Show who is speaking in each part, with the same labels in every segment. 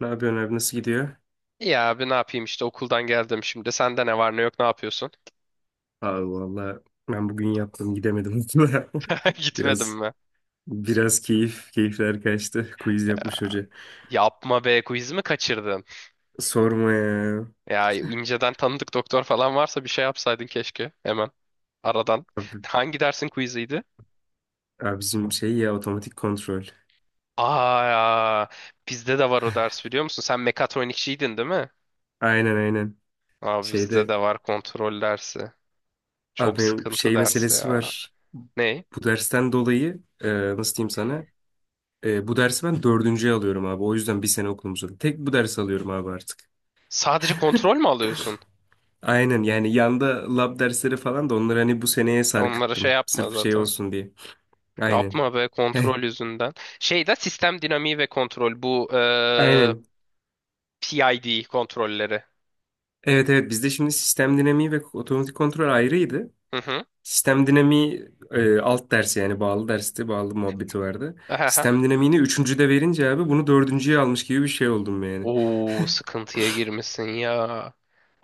Speaker 1: Ne yapıyorsun abi nasıl gidiyor?
Speaker 2: İyi abi ne yapayım işte okuldan geldim şimdi. Sende ne var ne yok ne yapıyorsun?
Speaker 1: Abi valla ben bugün yaptım gidemedim okula.
Speaker 2: Gitmedim
Speaker 1: Biraz
Speaker 2: mi?
Speaker 1: biraz keyifler kaçtı. Quiz yapmış hoca.
Speaker 2: Yapma be, quiz mi kaçırdın?
Speaker 1: Sorma ya.
Speaker 2: Ya inceden tanıdık doktor falan varsa bir şey yapsaydın keşke hemen aradan.
Speaker 1: Abi,
Speaker 2: Hangi dersin quiziydi?
Speaker 1: abi bizim şey ya otomatik kontrol.
Speaker 2: Aa, bizde de var o ders, biliyor musun? Sen mekatronikçiydin değil mi?
Speaker 1: Aynen aynen.
Speaker 2: Abi bizde
Speaker 1: Şeyde
Speaker 2: de var kontrol dersi.
Speaker 1: abi
Speaker 2: Çok
Speaker 1: benim
Speaker 2: sıkıntı
Speaker 1: şey
Speaker 2: dersi
Speaker 1: meselesi
Speaker 2: ya.
Speaker 1: var.
Speaker 2: Ne?
Speaker 1: Bu dersten dolayı nasıl diyeyim sana? Bu dersi ben dördüncüye alıyorum abi. O yüzden bir sene okulum uzadı. Tek bu dersi alıyorum abi artık.
Speaker 2: Sadece kontrol mü alıyorsun?
Speaker 1: Aynen yani yanda lab dersleri falan da onları hani bu seneye
Speaker 2: Ya onlara şey
Speaker 1: sarkıttım.
Speaker 2: yapma
Speaker 1: Sırf şey
Speaker 2: zaten.
Speaker 1: olsun diye. Aynen.
Speaker 2: Yapma be, kontrol yüzünden. Şey de sistem dinamiği ve kontrol bu
Speaker 1: Aynen.
Speaker 2: PID kontrolleri.
Speaker 1: Evet evet bizde şimdi sistem dinamiği ve otomatik kontrol ayrıydı.
Speaker 2: Hı hı.
Speaker 1: Sistem dinamiği alt dersi yani bağlı dersti, bağlı muhabbeti vardı.
Speaker 2: Ahaha.
Speaker 1: Sistem dinamiğini üçüncüde verince abi bunu dördüncüye almış gibi bir şey oldum yani.
Speaker 2: Oo, sıkıntıya girmişsin ya.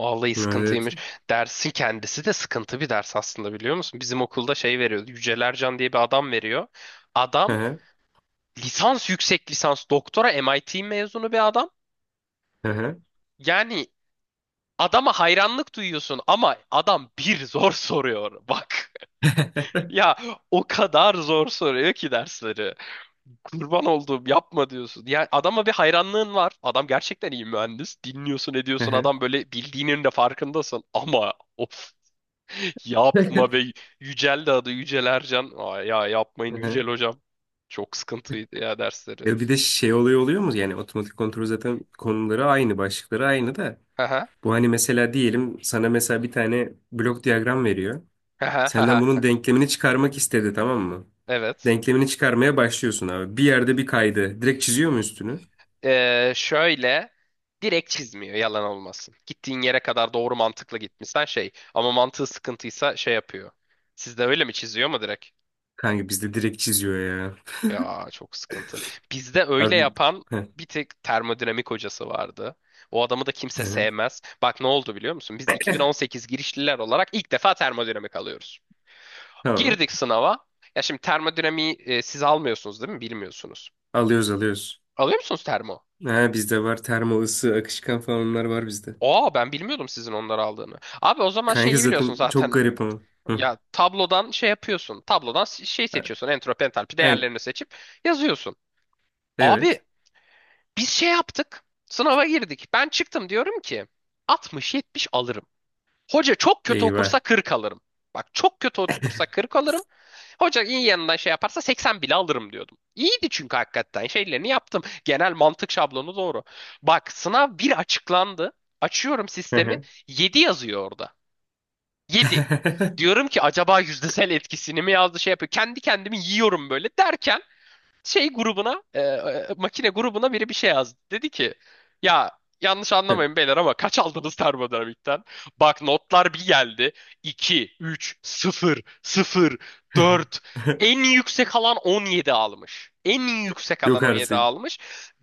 Speaker 2: Vallahi
Speaker 1: Evet.
Speaker 2: sıkıntıymış. Dersin kendisi de sıkıntı bir ders aslında, biliyor musun? Bizim okulda şey veriyordu. Yücel Ercan diye bir adam veriyor.
Speaker 1: Hı
Speaker 2: Adam
Speaker 1: hı.
Speaker 2: lisans, yüksek lisans, doktora MIT mezunu bir adam.
Speaker 1: Hı hı.
Speaker 2: Yani adama hayranlık duyuyorsun ama adam bir zor soruyor. Bak. Ya o kadar zor soruyor ki dersleri. Kurban olduğum yapma diyorsun. Yani adama bir hayranlığın var. Adam gerçekten iyi mühendis. Dinliyorsun
Speaker 1: Hı
Speaker 2: ediyorsun,
Speaker 1: hı.
Speaker 2: adam böyle bildiğinin de farkındasın. Ama of, yapma be. Yücel de adı, Yücel Ercan. Aa, ya yapmayın
Speaker 1: Hı
Speaker 2: Yücel
Speaker 1: hı.
Speaker 2: hocam. Çok sıkıntıydı ya dersleri.
Speaker 1: Ya bir de şey oluyor mu? Yani otomatik kontrol zaten konuları aynı, başlıkları aynı da.
Speaker 2: Haha.
Speaker 1: Bu hani mesela diyelim sana mesela bir tane blok diyagram veriyor. Senden
Speaker 2: Haha.
Speaker 1: bunun denklemini çıkarmak istedi tamam mı?
Speaker 2: Evet.
Speaker 1: Denklemini çıkarmaya başlıyorsun abi. Bir yerde bir kaydı. Direkt çiziyor mu üstünü?
Speaker 2: Şöyle, direkt çizmiyor yalan olmasın. Gittiğin yere kadar doğru mantıklı gitmişsen şey, ama mantığı sıkıntıysa şey yapıyor. Sizde öyle mi, çiziyor mu direkt?
Speaker 1: Kanka bizde direkt çiziyor ya.
Speaker 2: Ya çok sıkıntı. Bizde öyle
Speaker 1: Abi
Speaker 2: yapan
Speaker 1: heh,
Speaker 2: bir tek termodinamik hocası vardı. O adamı da kimse
Speaker 1: heh,
Speaker 2: sevmez. Bak ne oldu, biliyor musun? Biz 2018 girişliler olarak ilk defa termodinamik alıyoruz.
Speaker 1: tamam.
Speaker 2: Girdik sınava. Ya şimdi termodinamiği siz almıyorsunuz değil mi? Bilmiyorsunuz.
Speaker 1: Alıyoruz alıyoruz.
Speaker 2: Alıyor musunuz termo?
Speaker 1: Ha, bizde var termo ısı, akışkan falan onlar var bizde.
Speaker 2: Aa, ben bilmiyordum sizin onları aldığını. Abi o zaman
Speaker 1: Kanka
Speaker 2: şeyi biliyorsun
Speaker 1: zaten çok
Speaker 2: zaten.
Speaker 1: garip ama. Hı.
Speaker 2: Ya tablodan şey yapıyorsun. Tablodan şey seçiyorsun. Entropi, entalpi
Speaker 1: Evet.
Speaker 2: değerlerini seçip yazıyorsun.
Speaker 1: Evet.
Speaker 2: Abi biz şey yaptık. Sınava girdik. Ben çıktım, diyorum ki 60-70 alırım. Hoca çok kötü okursa
Speaker 1: Eyvah.
Speaker 2: 40 alırım. Bak, çok kötü okursa 40 alırım. Hoca iyi yanından şey yaparsa 80 bile alırım diyordum. İyiydi çünkü, hakikaten şeylerini yaptım. Genel mantık şablonu doğru. Bak sınav bir açıklandı. Açıyorum
Speaker 1: Hı
Speaker 2: sistemi.
Speaker 1: hı.
Speaker 2: 7 yazıyor orada. 7. Diyorum ki acaba yüzdesel etkisini mi yazdı, şey yapıyor. Kendi kendimi yiyorum böyle derken şey grubuna makine grubuna biri bir şey yazdı. Dedi ki ya, yanlış anlamayın beyler ama kaç aldınız termodinamikten? Bak notlar bir geldi. İki, üç, sıfır, sıfır, dört. En yüksek alan 17 almış. En yüksek alan
Speaker 1: Yok
Speaker 2: 17
Speaker 1: artık.
Speaker 2: almış.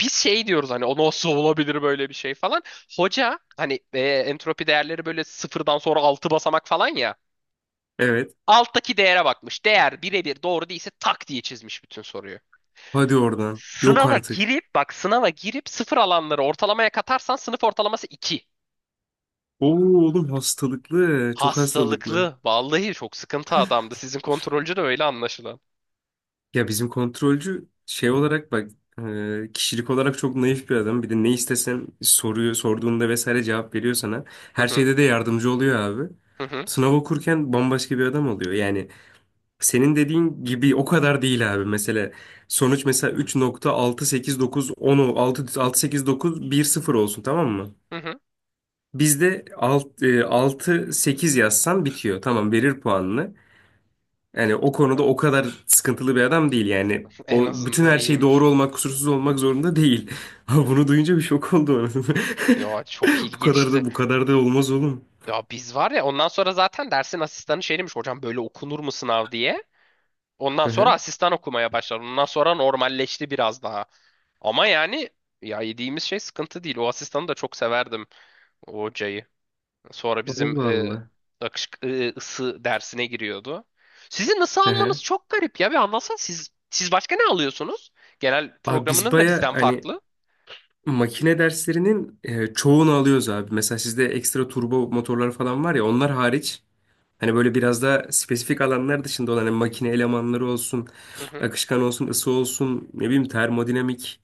Speaker 2: Biz şey diyoruz hani, o nasıl olabilir, böyle bir şey falan. Hoca hani entropi değerleri böyle sıfırdan sonra 6 basamak falan ya.
Speaker 1: Evet.
Speaker 2: Alttaki değere bakmış. Değer birebir doğru değilse tak diye çizmiş bütün soruyu.
Speaker 1: Hadi oradan. Yok
Speaker 2: Sınava
Speaker 1: artık.
Speaker 2: girip, bak, sınava girip sıfır alanları ortalamaya katarsan sınıf ortalaması 2.
Speaker 1: Oo oğlum hastalıklı. Çok hastalıklı.
Speaker 2: Hastalıklı. Vallahi çok sıkıntı adamdı. Sizin kontrolcü de öyle anlaşılan.
Speaker 1: Ya bizim kontrolcü şey olarak bak kişilik olarak çok naif bir adam. Bir de ne istesen soruyor, sorduğunda vesaire cevap veriyor sana.
Speaker 2: Hı
Speaker 1: Her
Speaker 2: hı,
Speaker 1: şeyde de yardımcı oluyor abi.
Speaker 2: hı hı,
Speaker 1: Sınav okurken bambaşka bir adam oluyor. Yani senin dediğin gibi o kadar değil abi. Mesela sonuç mesela 3.68910 6 68910 olsun tamam mı?
Speaker 2: hı. Hı.
Speaker 1: Bizde 6, 6 8 yazsan bitiyor. Tamam verir puanını. Yani o konuda
Speaker 2: Ha,
Speaker 1: o kadar sıkıntılı bir adam değil yani.
Speaker 2: en
Speaker 1: O bütün
Speaker 2: azından
Speaker 1: her şey
Speaker 2: iyiymiş.
Speaker 1: doğru olmak, kusursuz olmak zorunda değil. Ama bunu duyunca bir şok oldu anasını.
Speaker 2: Ya çok
Speaker 1: Bu kadar
Speaker 2: ilginçti.
Speaker 1: da bu kadar da olmaz oğlum.
Speaker 2: Ya biz var ya, ondan sonra zaten dersin asistanı şey demiş, hocam böyle okunur mu sınav diye. Ondan
Speaker 1: Hı
Speaker 2: sonra
Speaker 1: hı.
Speaker 2: asistan okumaya başlar. Ondan sonra normalleşti biraz daha. Ama yani, ya yediğimiz şey sıkıntı değil. O asistanı da çok severdim, o hocayı. Sonra bizim
Speaker 1: Allah Allah.
Speaker 2: akış, ısı dersine giriyordu. Sizin ısı
Speaker 1: Hı hı.
Speaker 2: almanız çok garip ya. Bir anlatsana, siz başka ne alıyorsunuz? Genel
Speaker 1: Abi biz
Speaker 2: programınız da
Speaker 1: baya
Speaker 2: bizden
Speaker 1: hani
Speaker 2: farklı.
Speaker 1: makine derslerinin çoğunu alıyoruz abi. Mesela sizde ekstra turbo motorlar falan var ya onlar hariç hani böyle biraz daha spesifik alanlar dışında olan hani makine elemanları olsun,
Speaker 2: Hı hı.
Speaker 1: akışkan olsun, ısı olsun, ne bileyim termodinamik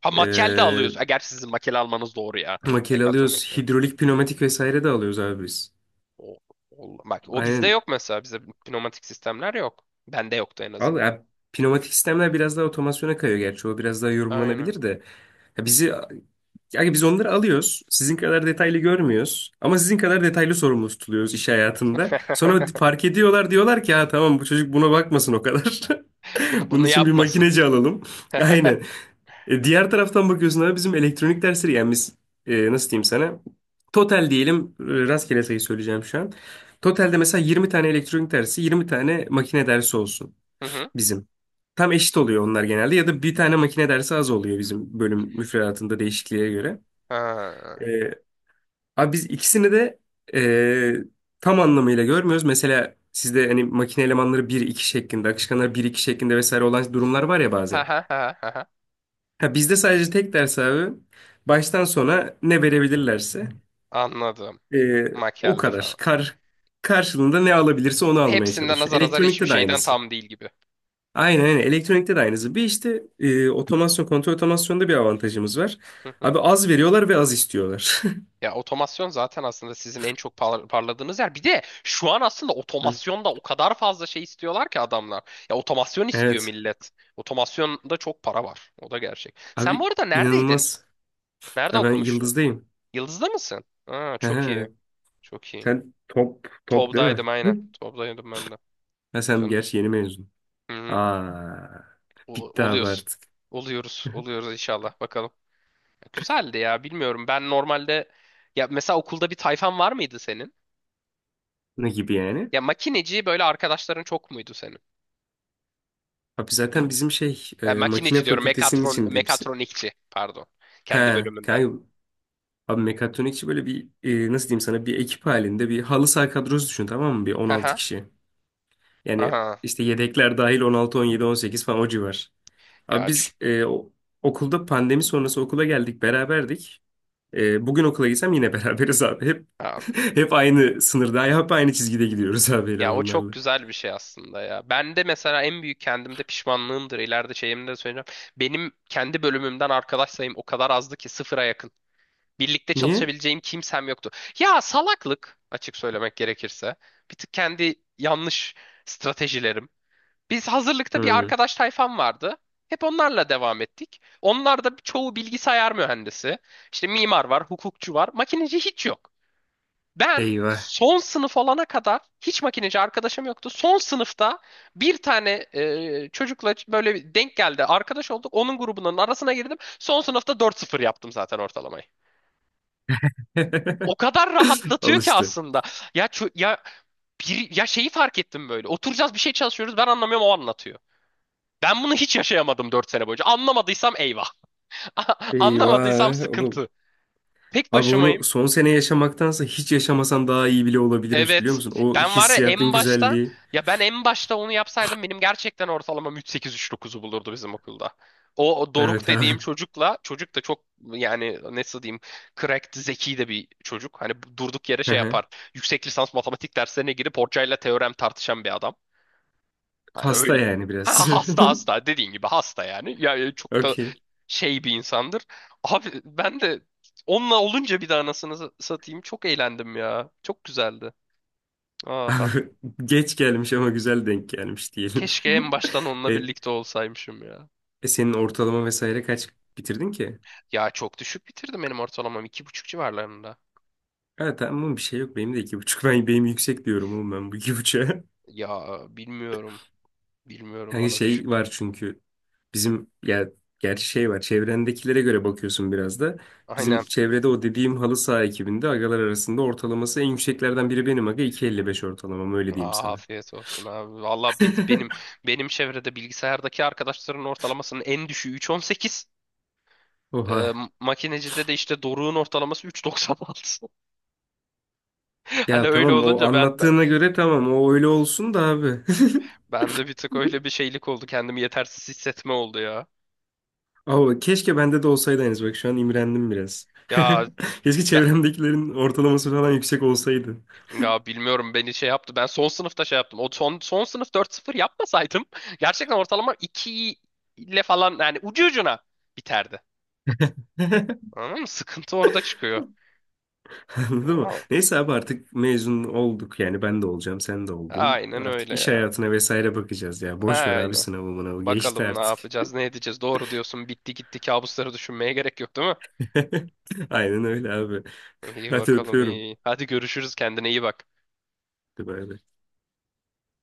Speaker 2: Ha,
Speaker 1: e,
Speaker 2: makel de alıyorsun. Ha, gerçi sizin makel almanız doğru ya.
Speaker 1: Makele
Speaker 2: Mekatronics.
Speaker 1: alıyoruz.
Speaker 2: Evet.
Speaker 1: Hidrolik, pnömatik vesaire de alıyoruz abi biz.
Speaker 2: O, Bak o bizde
Speaker 1: Aynen.
Speaker 2: yok mesela. Bizde pneumatik sistemler yok. Bende yoktu en
Speaker 1: Al
Speaker 2: azından.
Speaker 1: ya, pnömatik sistemler biraz daha otomasyona kayıyor gerçi. O biraz daha
Speaker 2: Aynen.
Speaker 1: yorumlanabilir de. Ya yani biz onları alıyoruz. Sizin kadar detaylı görmüyoruz. Ama sizin kadar detaylı sorumlu tutuluyoruz iş hayatında. Sonra fark ediyorlar diyorlar ki ha tamam bu çocuk buna bakmasın o kadar.
Speaker 2: Bunu
Speaker 1: Bunun
Speaker 2: bunu
Speaker 1: için bir
Speaker 2: yapmasın.
Speaker 1: makineci alalım.
Speaker 2: Hı
Speaker 1: Aynen. Diğer taraftan bakıyorsun abi bizim elektronik dersleri yani biz nasıl diyeyim sana? Total diyelim rastgele sayı söyleyeceğim şu an. Totalde mesela 20 tane elektronik dersi 20 tane makine dersi olsun
Speaker 2: hı.
Speaker 1: bizim. Tam eşit oluyor onlar genelde ya da bir tane makine dersi az oluyor bizim bölüm müfredatında değişikliğe göre. E,
Speaker 2: Ha.
Speaker 1: Abi biz ikisini de tam anlamıyla görmüyoruz. Mesela sizde hani makine elemanları bir iki şeklinde, akışkanlar bir iki şeklinde vesaire olan durumlar var ya
Speaker 2: Ha
Speaker 1: bazen.
Speaker 2: ha ha ha. Ha.
Speaker 1: Ha, bizde sadece tek ders abi. Baştan sona ne verebilirlerse
Speaker 2: Anladım.
Speaker 1: e, o
Speaker 2: Makyelde
Speaker 1: kadar.
Speaker 2: falan.
Speaker 1: Karşılığında ne alabilirse onu almaya
Speaker 2: Hepsinden
Speaker 1: çalışıyor.
Speaker 2: azar azar, hiçbir
Speaker 1: Elektronikte de
Speaker 2: şeyden
Speaker 1: aynısı.
Speaker 2: tam değil gibi.
Speaker 1: Aynen aynen. Elektronikte de aynısı. Bir işte otomasyon, kontrol otomasyonda bir avantajımız var.
Speaker 2: Hı hı.
Speaker 1: Abi az veriyorlar ve az istiyorlar.
Speaker 2: Ya otomasyon zaten aslında sizin en çok parladığınız yer. Bir de şu an aslında
Speaker 1: Hı.
Speaker 2: otomasyonda o kadar fazla şey istiyorlar ki adamlar. Ya otomasyon istiyor
Speaker 1: Evet.
Speaker 2: millet. Otomasyonda çok para var. O da gerçek. Sen bu
Speaker 1: Abi
Speaker 2: arada neredeydin?
Speaker 1: inanılmaz.
Speaker 2: Nerede
Speaker 1: Ya ben
Speaker 2: okumuştun?
Speaker 1: Yıldız'dayım.
Speaker 2: Yıldız'da mısın? Aa,
Speaker 1: Hı hı,
Speaker 2: çok iyi.
Speaker 1: evet.
Speaker 2: Çok iyi.
Speaker 1: Sen top değil mi?
Speaker 2: Tob'daydım aynen.
Speaker 1: Hı.
Speaker 2: Tob'daydım ben de.
Speaker 1: Ha, sen
Speaker 2: Canım.
Speaker 1: gerçi yeni mezun.
Speaker 2: Hı hı.
Speaker 1: Aa, bitti abi
Speaker 2: Oluyoruz.
Speaker 1: artık.
Speaker 2: Oluyoruz. Oluyoruz inşallah. Bakalım. Güzeldi ya. Bilmiyorum. Ben normalde, ya mesela, okulda bir tayfan var mıydı senin?
Speaker 1: Ne gibi yani?
Speaker 2: Ya makineci böyle arkadaşların çok muydu senin?
Speaker 1: Abi zaten bizim şey
Speaker 2: Ya
Speaker 1: makine
Speaker 2: makineci diyorum.
Speaker 1: fakültesinin
Speaker 2: Mekatron
Speaker 1: içinde hepsi.
Speaker 2: mekatronikçi pardon.
Speaker 1: He
Speaker 2: Kendi bölümünden.
Speaker 1: kanka abi mekatronikçi böyle bir nasıl diyeyim sana bir ekip halinde bir halı saha kadrosu düşün tamam mı? Bir 16
Speaker 2: Haha.
Speaker 1: kişi. Yani
Speaker 2: Aha.
Speaker 1: işte yedekler dahil 10 16 17 18 falan o civar. Abi
Speaker 2: Ya
Speaker 1: biz okulda pandemi sonrası okula geldik beraberdik. Bugün okula gitsem yine beraberiz abi. Hep
Speaker 2: abi.
Speaker 1: hep aynı sınırda hep aynı çizgide gidiyoruz abi
Speaker 2: Ya o çok
Speaker 1: elemanlarla.
Speaker 2: güzel bir şey aslında ya. Ben de mesela en büyük kendimde pişmanlığımdır. İleride şeyimde de söyleyeceğim. Benim kendi bölümümden arkadaş sayım o kadar azdı ki, sıfıra yakın. Birlikte
Speaker 1: Niye?
Speaker 2: çalışabileceğim kimsem yoktu. Ya salaklık, açık söylemek gerekirse. Bir tık kendi yanlış stratejilerim. Biz hazırlıkta bir
Speaker 1: Hmm,
Speaker 2: arkadaş tayfam vardı. Hep onlarla devam ettik. Onlar da çoğu bilgisayar mühendisi. İşte mimar var, hukukçu var. Makineci hiç yok. Ben
Speaker 1: eyvah.
Speaker 2: son sınıf olana kadar hiç makineci arkadaşım yoktu. Son sınıfta bir tane çocukla böyle bir denk geldi. Arkadaş olduk. Onun grubunun arasına girdim. Son sınıfta dört sıfır yaptım zaten ortalamayı. O kadar rahatlatıyor ki
Speaker 1: Alıştı.
Speaker 2: aslında. Ya bir ya şeyi fark ettim böyle. Oturacağız, bir şey çalışıyoruz. Ben anlamıyorum, o anlatıyor. Ben bunu hiç yaşayamadım 4 sene boyunca. Anlamadıysam eyvah. Anlamadıysam
Speaker 1: Eyvah oğlum.
Speaker 2: sıkıntı. Tek
Speaker 1: Abi onu
Speaker 2: başımayım.
Speaker 1: son sene yaşamaktansa hiç yaşamasan daha iyi bile olabilirmiş biliyor
Speaker 2: Evet.
Speaker 1: musun? O
Speaker 2: Ben var ya,
Speaker 1: hissiyatın
Speaker 2: en başta,
Speaker 1: güzelliği.
Speaker 2: ya ben en başta onu yapsaydım benim gerçekten ortalamam 3,8-3,9'u bulurdu bizim okulda. O Doruk
Speaker 1: Evet abi.
Speaker 2: dediğim çocukla, çocuk da çok, yani nasıl diyeyim, cracked, zeki de bir çocuk. Hani durduk yere
Speaker 1: Hı
Speaker 2: şey
Speaker 1: hı.
Speaker 2: yapar. Yüksek lisans matematik derslerine girip hocayla teorem tartışan bir adam. Hani
Speaker 1: Hasta
Speaker 2: öyle.
Speaker 1: yani
Speaker 2: Ha,
Speaker 1: biraz.
Speaker 2: hasta, hasta dediğin gibi, hasta yani. Ya çok da
Speaker 1: Okey.
Speaker 2: şey bir insandır. Abi ben de onunla olunca, bir daha anasını satayım, çok eğlendim ya. Çok güzeldi. Ah.
Speaker 1: Abi geç gelmiş ama güzel denk gelmiş diyelim.
Speaker 2: Keşke en baştan onunla
Speaker 1: e,
Speaker 2: birlikte olsaymışım ya.
Speaker 1: senin ortalama vesaire kaç bitirdin ki?
Speaker 2: Ya çok düşük bitirdim benim ortalamam. 2,5 civarlarında.
Speaker 1: Evet tamam bir şey yok. Benim de 2,5. Benim yüksek diyorum oğlum ben bu iki buçuğa.
Speaker 2: Ya bilmiyorum. Bilmiyorum,
Speaker 1: Yani
Speaker 2: bana
Speaker 1: şey
Speaker 2: düşük.
Speaker 1: var çünkü. Bizim ya gerçi şey var çevrendekilere göre bakıyorsun biraz da. Bizim
Speaker 2: Aynen.
Speaker 1: çevrede o dediğim halı saha ekibinde agalar arasında ortalaması en yükseklerden biri benim aga 2,55 ortalamam öyle diyeyim
Speaker 2: Aa,
Speaker 1: sana.
Speaker 2: afiyet olsun abi. Valla biz, benim benim çevrede bilgisayardaki arkadaşların ortalamasının en düşüğü 3,18. Ee,
Speaker 1: Oha.
Speaker 2: Makinecide de işte Doruk'un ortalaması 3,96. Hani
Speaker 1: Ya
Speaker 2: öyle
Speaker 1: tamam o
Speaker 2: olunca ben, ben,
Speaker 1: anlattığına göre tamam o öyle olsun da abi.
Speaker 2: ben de bir tık öyle bir şeylik oldu. Kendimi yetersiz hissetme oldu ya.
Speaker 1: Abi keşke bende de olsaydı henüz bak şu an imrendim biraz.
Speaker 2: Ya
Speaker 1: Keşke
Speaker 2: ben,
Speaker 1: çevremdekilerin ortalaması falan yüksek olsaydı.
Speaker 2: Ya bilmiyorum, beni şey yaptı. Ben son sınıfta şey yaptım. O son sınıf dört sıfır yapmasaydım gerçekten ortalama 2 ile falan, yani ucu ucuna biterdi. Anladın mı? Sıkıntı orada çıkıyor.
Speaker 1: Anladın mı?
Speaker 2: Wow.
Speaker 1: Neyse abi artık mezun olduk yani ben de olacağım sen de oldun.
Speaker 2: Aynen
Speaker 1: Artık
Speaker 2: öyle
Speaker 1: iş
Speaker 2: ya.
Speaker 1: hayatına vesaire bakacağız ya. Boş ver abi
Speaker 2: Aynen.
Speaker 1: sınavı mınavı geçti
Speaker 2: Bakalım ne
Speaker 1: artık.
Speaker 2: yapacağız, ne edeceğiz. Doğru diyorsun. Bitti gitti. Kabusları düşünmeye gerek yok, değil mi?
Speaker 1: Aynen öyle abi.
Speaker 2: İyi
Speaker 1: Hadi
Speaker 2: bakalım
Speaker 1: öpüyorum.
Speaker 2: iyi. Hadi görüşürüz. Kendine iyi bak.
Speaker 1: Hadi bay bay.